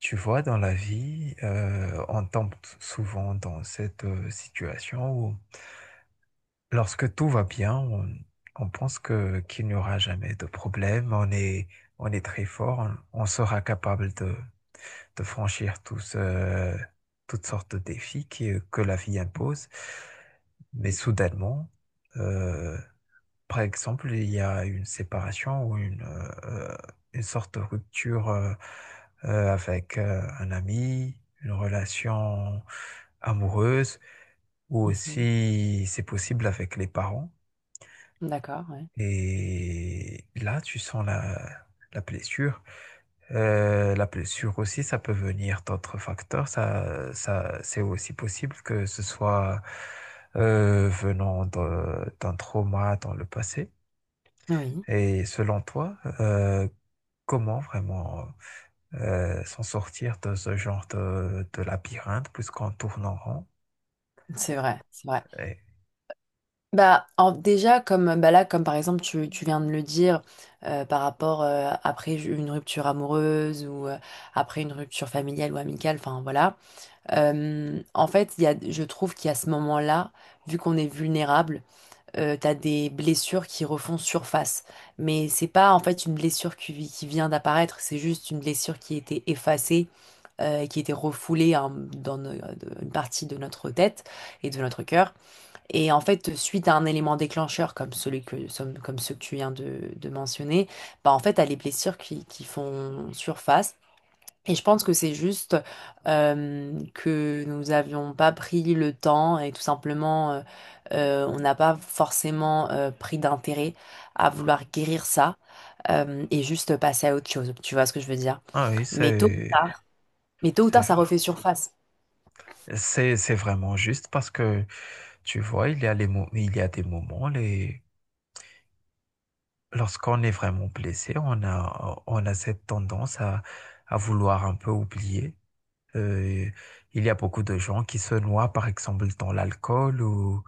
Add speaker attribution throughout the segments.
Speaker 1: Tu vois, dans la vie, on tombe souvent dans cette situation où, lorsque tout va bien, on pense que qu'il n'y aura jamais de problème, on est très fort, on sera capable de franchir toutes sortes de défis que la vie impose. Mais
Speaker 2: Mhm.
Speaker 1: soudainement, euh, par exemple, il y a une séparation ou une sorte de rupture avec un ami, une relation amoureuse, ou
Speaker 2: Mhm.
Speaker 1: aussi c'est possible avec les parents.
Speaker 2: D'accord, ouais.
Speaker 1: Et là, tu sens la blessure. La blessure aussi, ça peut venir d'autres facteurs. C'est aussi possible que ce soit venant d'un trauma dans le passé.
Speaker 2: Oui,
Speaker 1: Et selon toi, comment vraiment s'en sortir de ce genre de labyrinthe puisqu'on tourne en rond?
Speaker 2: c'est vrai, c'est vrai.
Speaker 1: Et-
Speaker 2: Bah, en- déjà, comme bah là, comme par exemple, tu viens de le dire, par rapport après une rupture amoureuse ou après une rupture familiale ou amicale, enfin voilà. En fait, il y a, je trouve qu'il y a ce moment-là, vu qu'on est vulnérable, t'as des blessures qui refont surface. Mais c'est pas en fait une blessure qui vient d'apparaître, c'est juste une blessure qui était effacée qui était refoulée hein, dans une partie de notre tête et de notre cœur. Et en fait, suite à un élément déclencheur comme comme ceux que tu viens de mentionner, bah en fait, t'as les blessures qui font surface. Et je pense que c'est juste que nous n'avions pas pris le temps et tout simplement, on n'a pas forcément pris d'intérêt à vouloir guérir ça et juste passer à autre chose. Tu vois ce que je veux dire?
Speaker 1: ah oui,
Speaker 2: Mais tôt,
Speaker 1: c'est
Speaker 2: mais tôt ou
Speaker 1: c'est
Speaker 2: tard, ça
Speaker 1: vrai.
Speaker 2: refait surface.
Speaker 1: C'est vraiment juste parce que tu vois, il y a il y a des moments les lorsqu'on est vraiment blessé, on a cette tendance à vouloir un peu oublier. Euh, il y a beaucoup de gens qui se noient, par exemple, dans l'alcool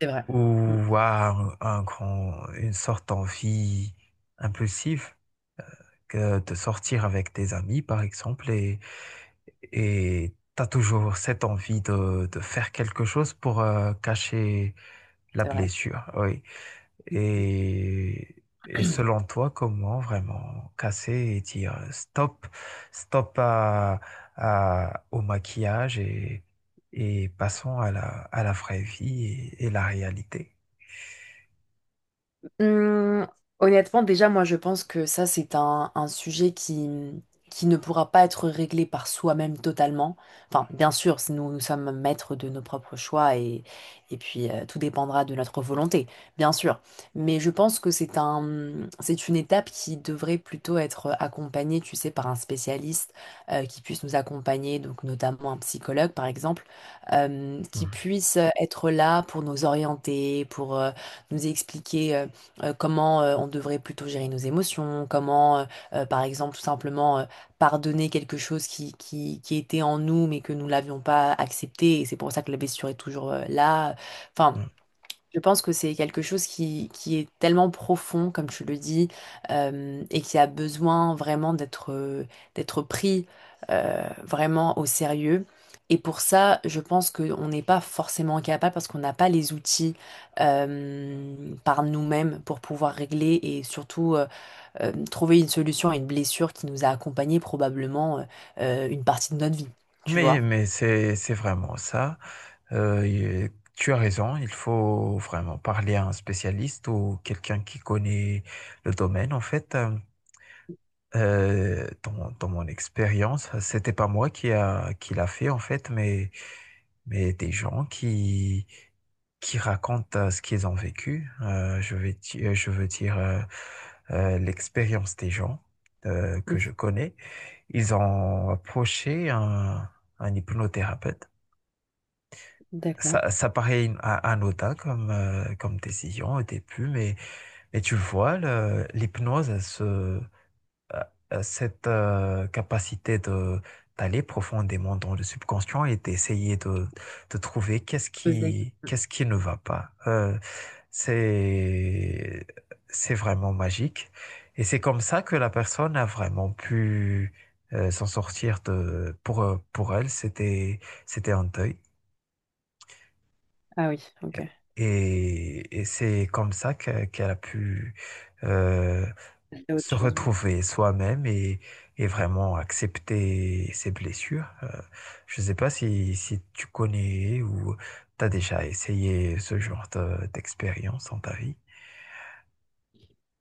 Speaker 2: C'est vrai. Mm,
Speaker 1: ou à un grand, une sorte d'envie impulsive que de sortir avec tes amis, par exemple, et tu as toujours cette envie de faire quelque chose pour cacher la
Speaker 2: c'est vrai.
Speaker 1: blessure. Oui.
Speaker 2: Mm.
Speaker 1: Et, et selon toi, comment vraiment casser et dire stop, stop au maquillage et passons à à la vraie vie et la réalité?
Speaker 2: Hum, Honnêtement, déjà, moi, je pense que ça, c'est un sujet qui ne pourra pas être réglé par soi-même totalement. Enfin, bien sûr, si nous, nous sommes maîtres de nos propres choix et puis tout dépendra de notre volonté, bien sûr. Mais je pense que c'est une étape qui devrait plutôt être accompagnée, tu sais, par un spécialiste qui puisse nous accompagner, donc notamment un psychologue, par exemple, qui
Speaker 1: Mhm.
Speaker 2: puisse être là pour nous orienter, pour nous expliquer, comment on devrait plutôt gérer nos émotions, comment, par exemple, tout simplement pardonner quelque chose qui était en nous mais que nous l'avions pas accepté et c'est pour ça que la blessure est toujours là. Enfin,
Speaker 1: Mhm.
Speaker 2: je pense que c'est quelque chose qui est tellement profond, comme tu le dis, et qui a besoin vraiment d'être pris vraiment au sérieux. Et pour ça, je pense qu'on n'est pas forcément capable parce qu'on n'a pas les outils par nous-mêmes pour pouvoir régler et surtout trouver une solution à une blessure qui nous a accompagnés probablement une partie de notre vie, tu vois?
Speaker 1: Mais c'est vraiment ça. Tu as raison, il faut vraiment parler à un spécialiste ou quelqu'un qui connaît le domaine, en fait. Dans mon expérience, c'était pas moi qui l'a fait en fait, mais des gens qui racontent ce qu'ils ont vécu. Je veux dire l'expérience des gens que je
Speaker 2: Mhm.
Speaker 1: connais. Ils ont approché un hypnothérapeute.
Speaker 2: D'accord.
Speaker 1: Ça paraît anodin comme, comme décision au début, mais tu vois, l'hypnose, euh, cette capacité de d'aller profondément dans le subconscient et d'essayer de trouver
Speaker 2: Poser.
Speaker 1: qu'est-ce qui ne va pas. C'est c'est vraiment magique et c'est comme ça que la personne a vraiment pu s'en sortir de pour elle c'était un deuil
Speaker 2: Ah oui, ok.
Speaker 1: et c'est comme ça qu'elle a pu euh,
Speaker 2: C'est autre
Speaker 1: se
Speaker 2: chose.
Speaker 1: retrouver soi-même et vraiment accepter ses blessures. Je ne sais pas si, si tu connais ou tu as déjà essayé ce genre d'expérience dans ta vie.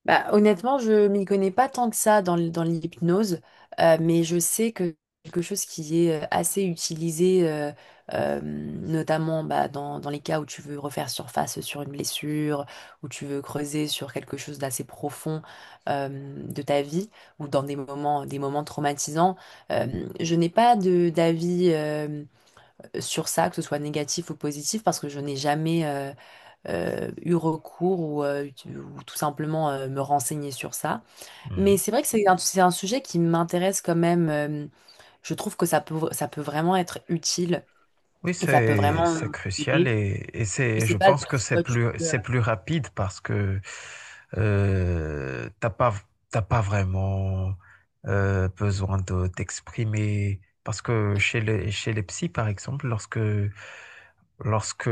Speaker 2: Bah, honnêtement, je m'y connais pas tant que ça dans, dans l'hypnose, mais je sais que quelque chose qui est assez utilisé, notamment bah, dans, dans les cas où tu veux refaire surface sur une blessure, où tu veux creuser sur quelque chose d'assez profond euh, de ta vie, ou dans des moments traumatisants. Euh, je n'ai pas de d'avis sur ça, que ce soit négatif ou positif, parce que je n'ai jamais, eu recours ou tout simplement me renseigner sur ça. Mais
Speaker 1: Mhm.
Speaker 2: c'est vrai que c'est un sujet qui m'intéresse quand même. Je trouve que ça peut vraiment être utile
Speaker 1: Oui,
Speaker 2: et ça peut vraiment
Speaker 1: c'est crucial
Speaker 2: aider.
Speaker 1: et
Speaker 2: Je
Speaker 1: c'est,
Speaker 2: sais
Speaker 1: je
Speaker 2: pas
Speaker 1: pense que
Speaker 2: si toi tu peux...
Speaker 1: c'est plus rapide parce que euh, t'as pas, t'as pas vraiment besoin de t'exprimer. Parce que chez les psys, par exemple, lorsque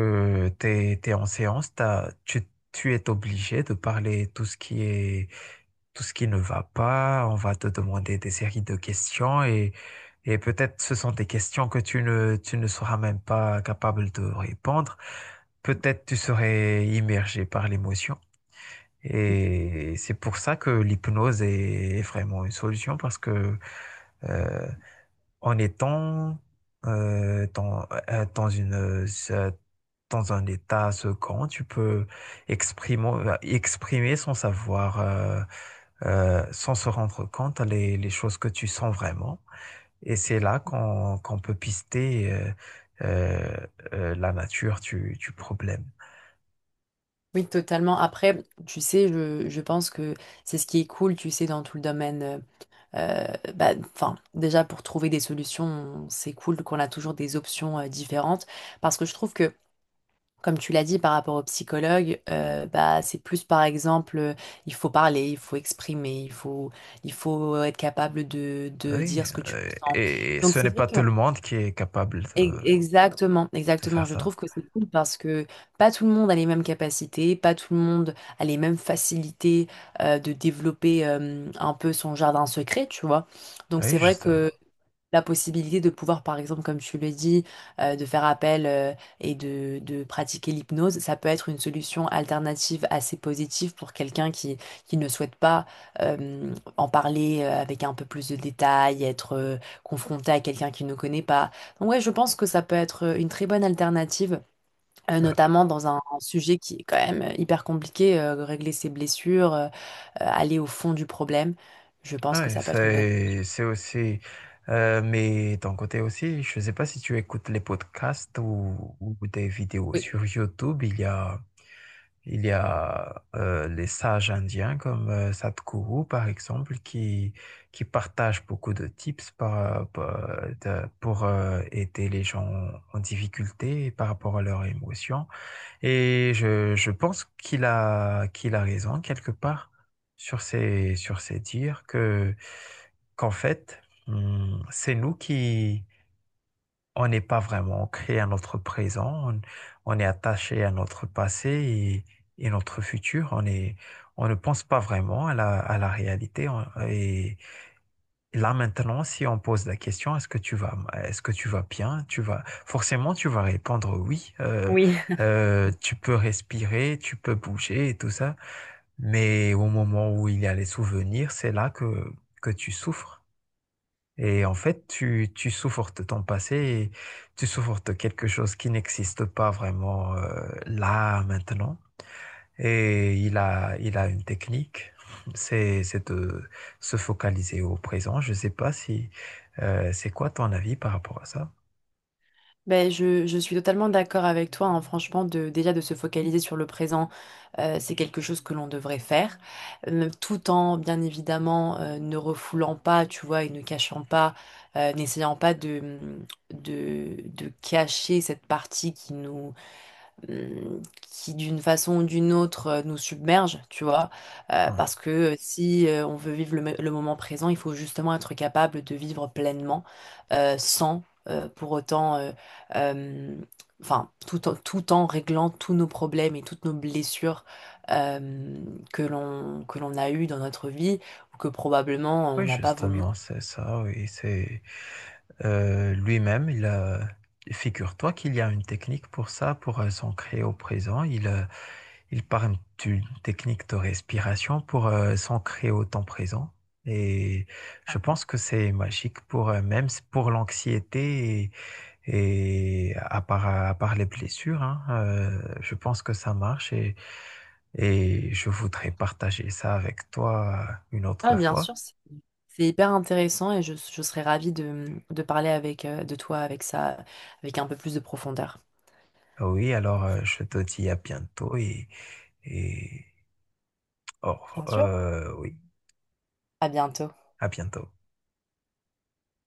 Speaker 1: en séance, tu es obligé de parler tout ce qui est, tout ce qui ne va pas. On va te demander des séries de questions et peut-être ce sont des questions que tu ne seras même pas capable de répondre. Peut-être tu serais immergé par l'émotion. Et c'est pour ça que l'hypnose est, est vraiment une solution parce que euh, en étant euh, dans, euh, dans une, euh, dans un état second, tu peux exprimer, exprimer sans savoir, sans se rendre compte les choses que tu sens vraiment. Et c'est là qu'on peut pister euh, la nature du problème.
Speaker 2: Oui, totalement. Après, tu sais, je pense que c'est ce qui est cool, tu sais, dans tout le domaine. euh, Bah, enfin, déjà, pour trouver des solutions, c'est cool qu'on a toujours des options différentes. Parce que je trouve que comme tu l'as dit par rapport au psychologue, bah, c'est plus par exemple, il faut parler, il faut exprimer, il faut être capable de
Speaker 1: Oui,
Speaker 2: dire ce que tu ressens.
Speaker 1: et
Speaker 2: Donc
Speaker 1: ce
Speaker 2: c'est
Speaker 1: n'est
Speaker 2: vrai
Speaker 1: pas
Speaker 2: que...
Speaker 1: tout le monde qui est capable
Speaker 2: Exactement,
Speaker 1: de faire
Speaker 2: exactement. Je
Speaker 1: ça.
Speaker 2: trouve que c'est cool parce que pas tout le monde a les mêmes capacités, pas tout le monde a les mêmes facilités de développer un peu son jardin secret, tu vois. Donc
Speaker 1: Oui,
Speaker 2: c'est vrai
Speaker 1: justement.
Speaker 2: que la possibilité de pouvoir, par exemple, comme tu le dis, de faire appel et de pratiquer l'hypnose, ça peut être une solution alternative assez positive pour quelqu'un qui ne souhaite pas en parler avec un peu plus de détails, être confronté à quelqu'un qui ne connaît pas. Donc ouais, je pense que ça peut être une très bonne alternative.
Speaker 1: Ouais.
Speaker 2: Notamment dans un sujet qui est quand même hyper compliqué, régler ses blessures, aller au fond du problème. Je pense
Speaker 1: Ah
Speaker 2: que
Speaker 1: ouais,
Speaker 2: ça peut être une bonne...
Speaker 1: c'est aussi. Mais ton côté aussi, je ne sais pas si tu écoutes les podcasts ou des vidéos
Speaker 2: Oui.
Speaker 1: sur YouTube. Il y a les sages indiens comme Sadhguru, par exemple, qui partagent beaucoup de tips pour aider les gens en difficulté par rapport à leurs émotions. Et je pense qu'il a raison quelque part sur ces dires qu'en fait, c'est nous qui, on n'est pas vraiment ancré à notre présent, on est attaché à notre passé et notre futur, on ne pense pas vraiment à à la réalité et, là maintenant, si on pose la question, est-ce que tu vas bien? Forcément, tu vas répondre oui.
Speaker 2: Oui,
Speaker 1: Tu peux respirer, tu peux bouger et tout ça. Mais au moment où il y a les souvenirs, c'est là que tu souffres. Et en fait, tu souffres de ton passé et tu souffres de quelque chose qui n'existe pas vraiment là maintenant. Et il a une technique, c'est de se focaliser au présent. Je ne sais pas si c'est quoi ton avis par rapport à ça?
Speaker 2: ben, je suis totalement d'accord avec toi, hein. Franchement, de, déjà de se focaliser sur le présent, c'est quelque chose que l'on devrait faire. Tout en, bien évidemment, ne refoulant pas, tu vois, et ne cachant pas, n'essayant pas de, de cacher cette partie qui nous, qui d'une façon ou d'une autre nous submerge, tu vois.
Speaker 1: Ah,
Speaker 2: Parce que si on veut vivre le, le moment présent, il faut justement être capable de vivre pleinement sans pour autant, euh, enfin, tout en, tout en réglant tous nos problèmes et toutes nos blessures euh, que l'on a eues dans notre vie ou que probablement on
Speaker 1: oui,
Speaker 2: n'a pas voulu.
Speaker 1: justement, c'est ça, oui, c'est lui-même, figure-toi qu'il y a une technique pour ça, pour s'ancrer au présent. Il parle d'une technique de respiration pour s'ancrer au temps présent. Et je pense que c'est magique pour même pour l'anxiété. Et à part les blessures, hein, je pense que ça marche et je voudrais partager ça avec toi une autre
Speaker 2: Ah, bien
Speaker 1: fois.
Speaker 2: sûr, c'est hyper intéressant et je serais ravie de parler avec, de toi avec ça, avec un peu plus de profondeur.
Speaker 1: Ah oui, alors je te dis à bientôt et, et oh,
Speaker 2: Bien sûr.
Speaker 1: oui,
Speaker 2: À bientôt.
Speaker 1: à bientôt.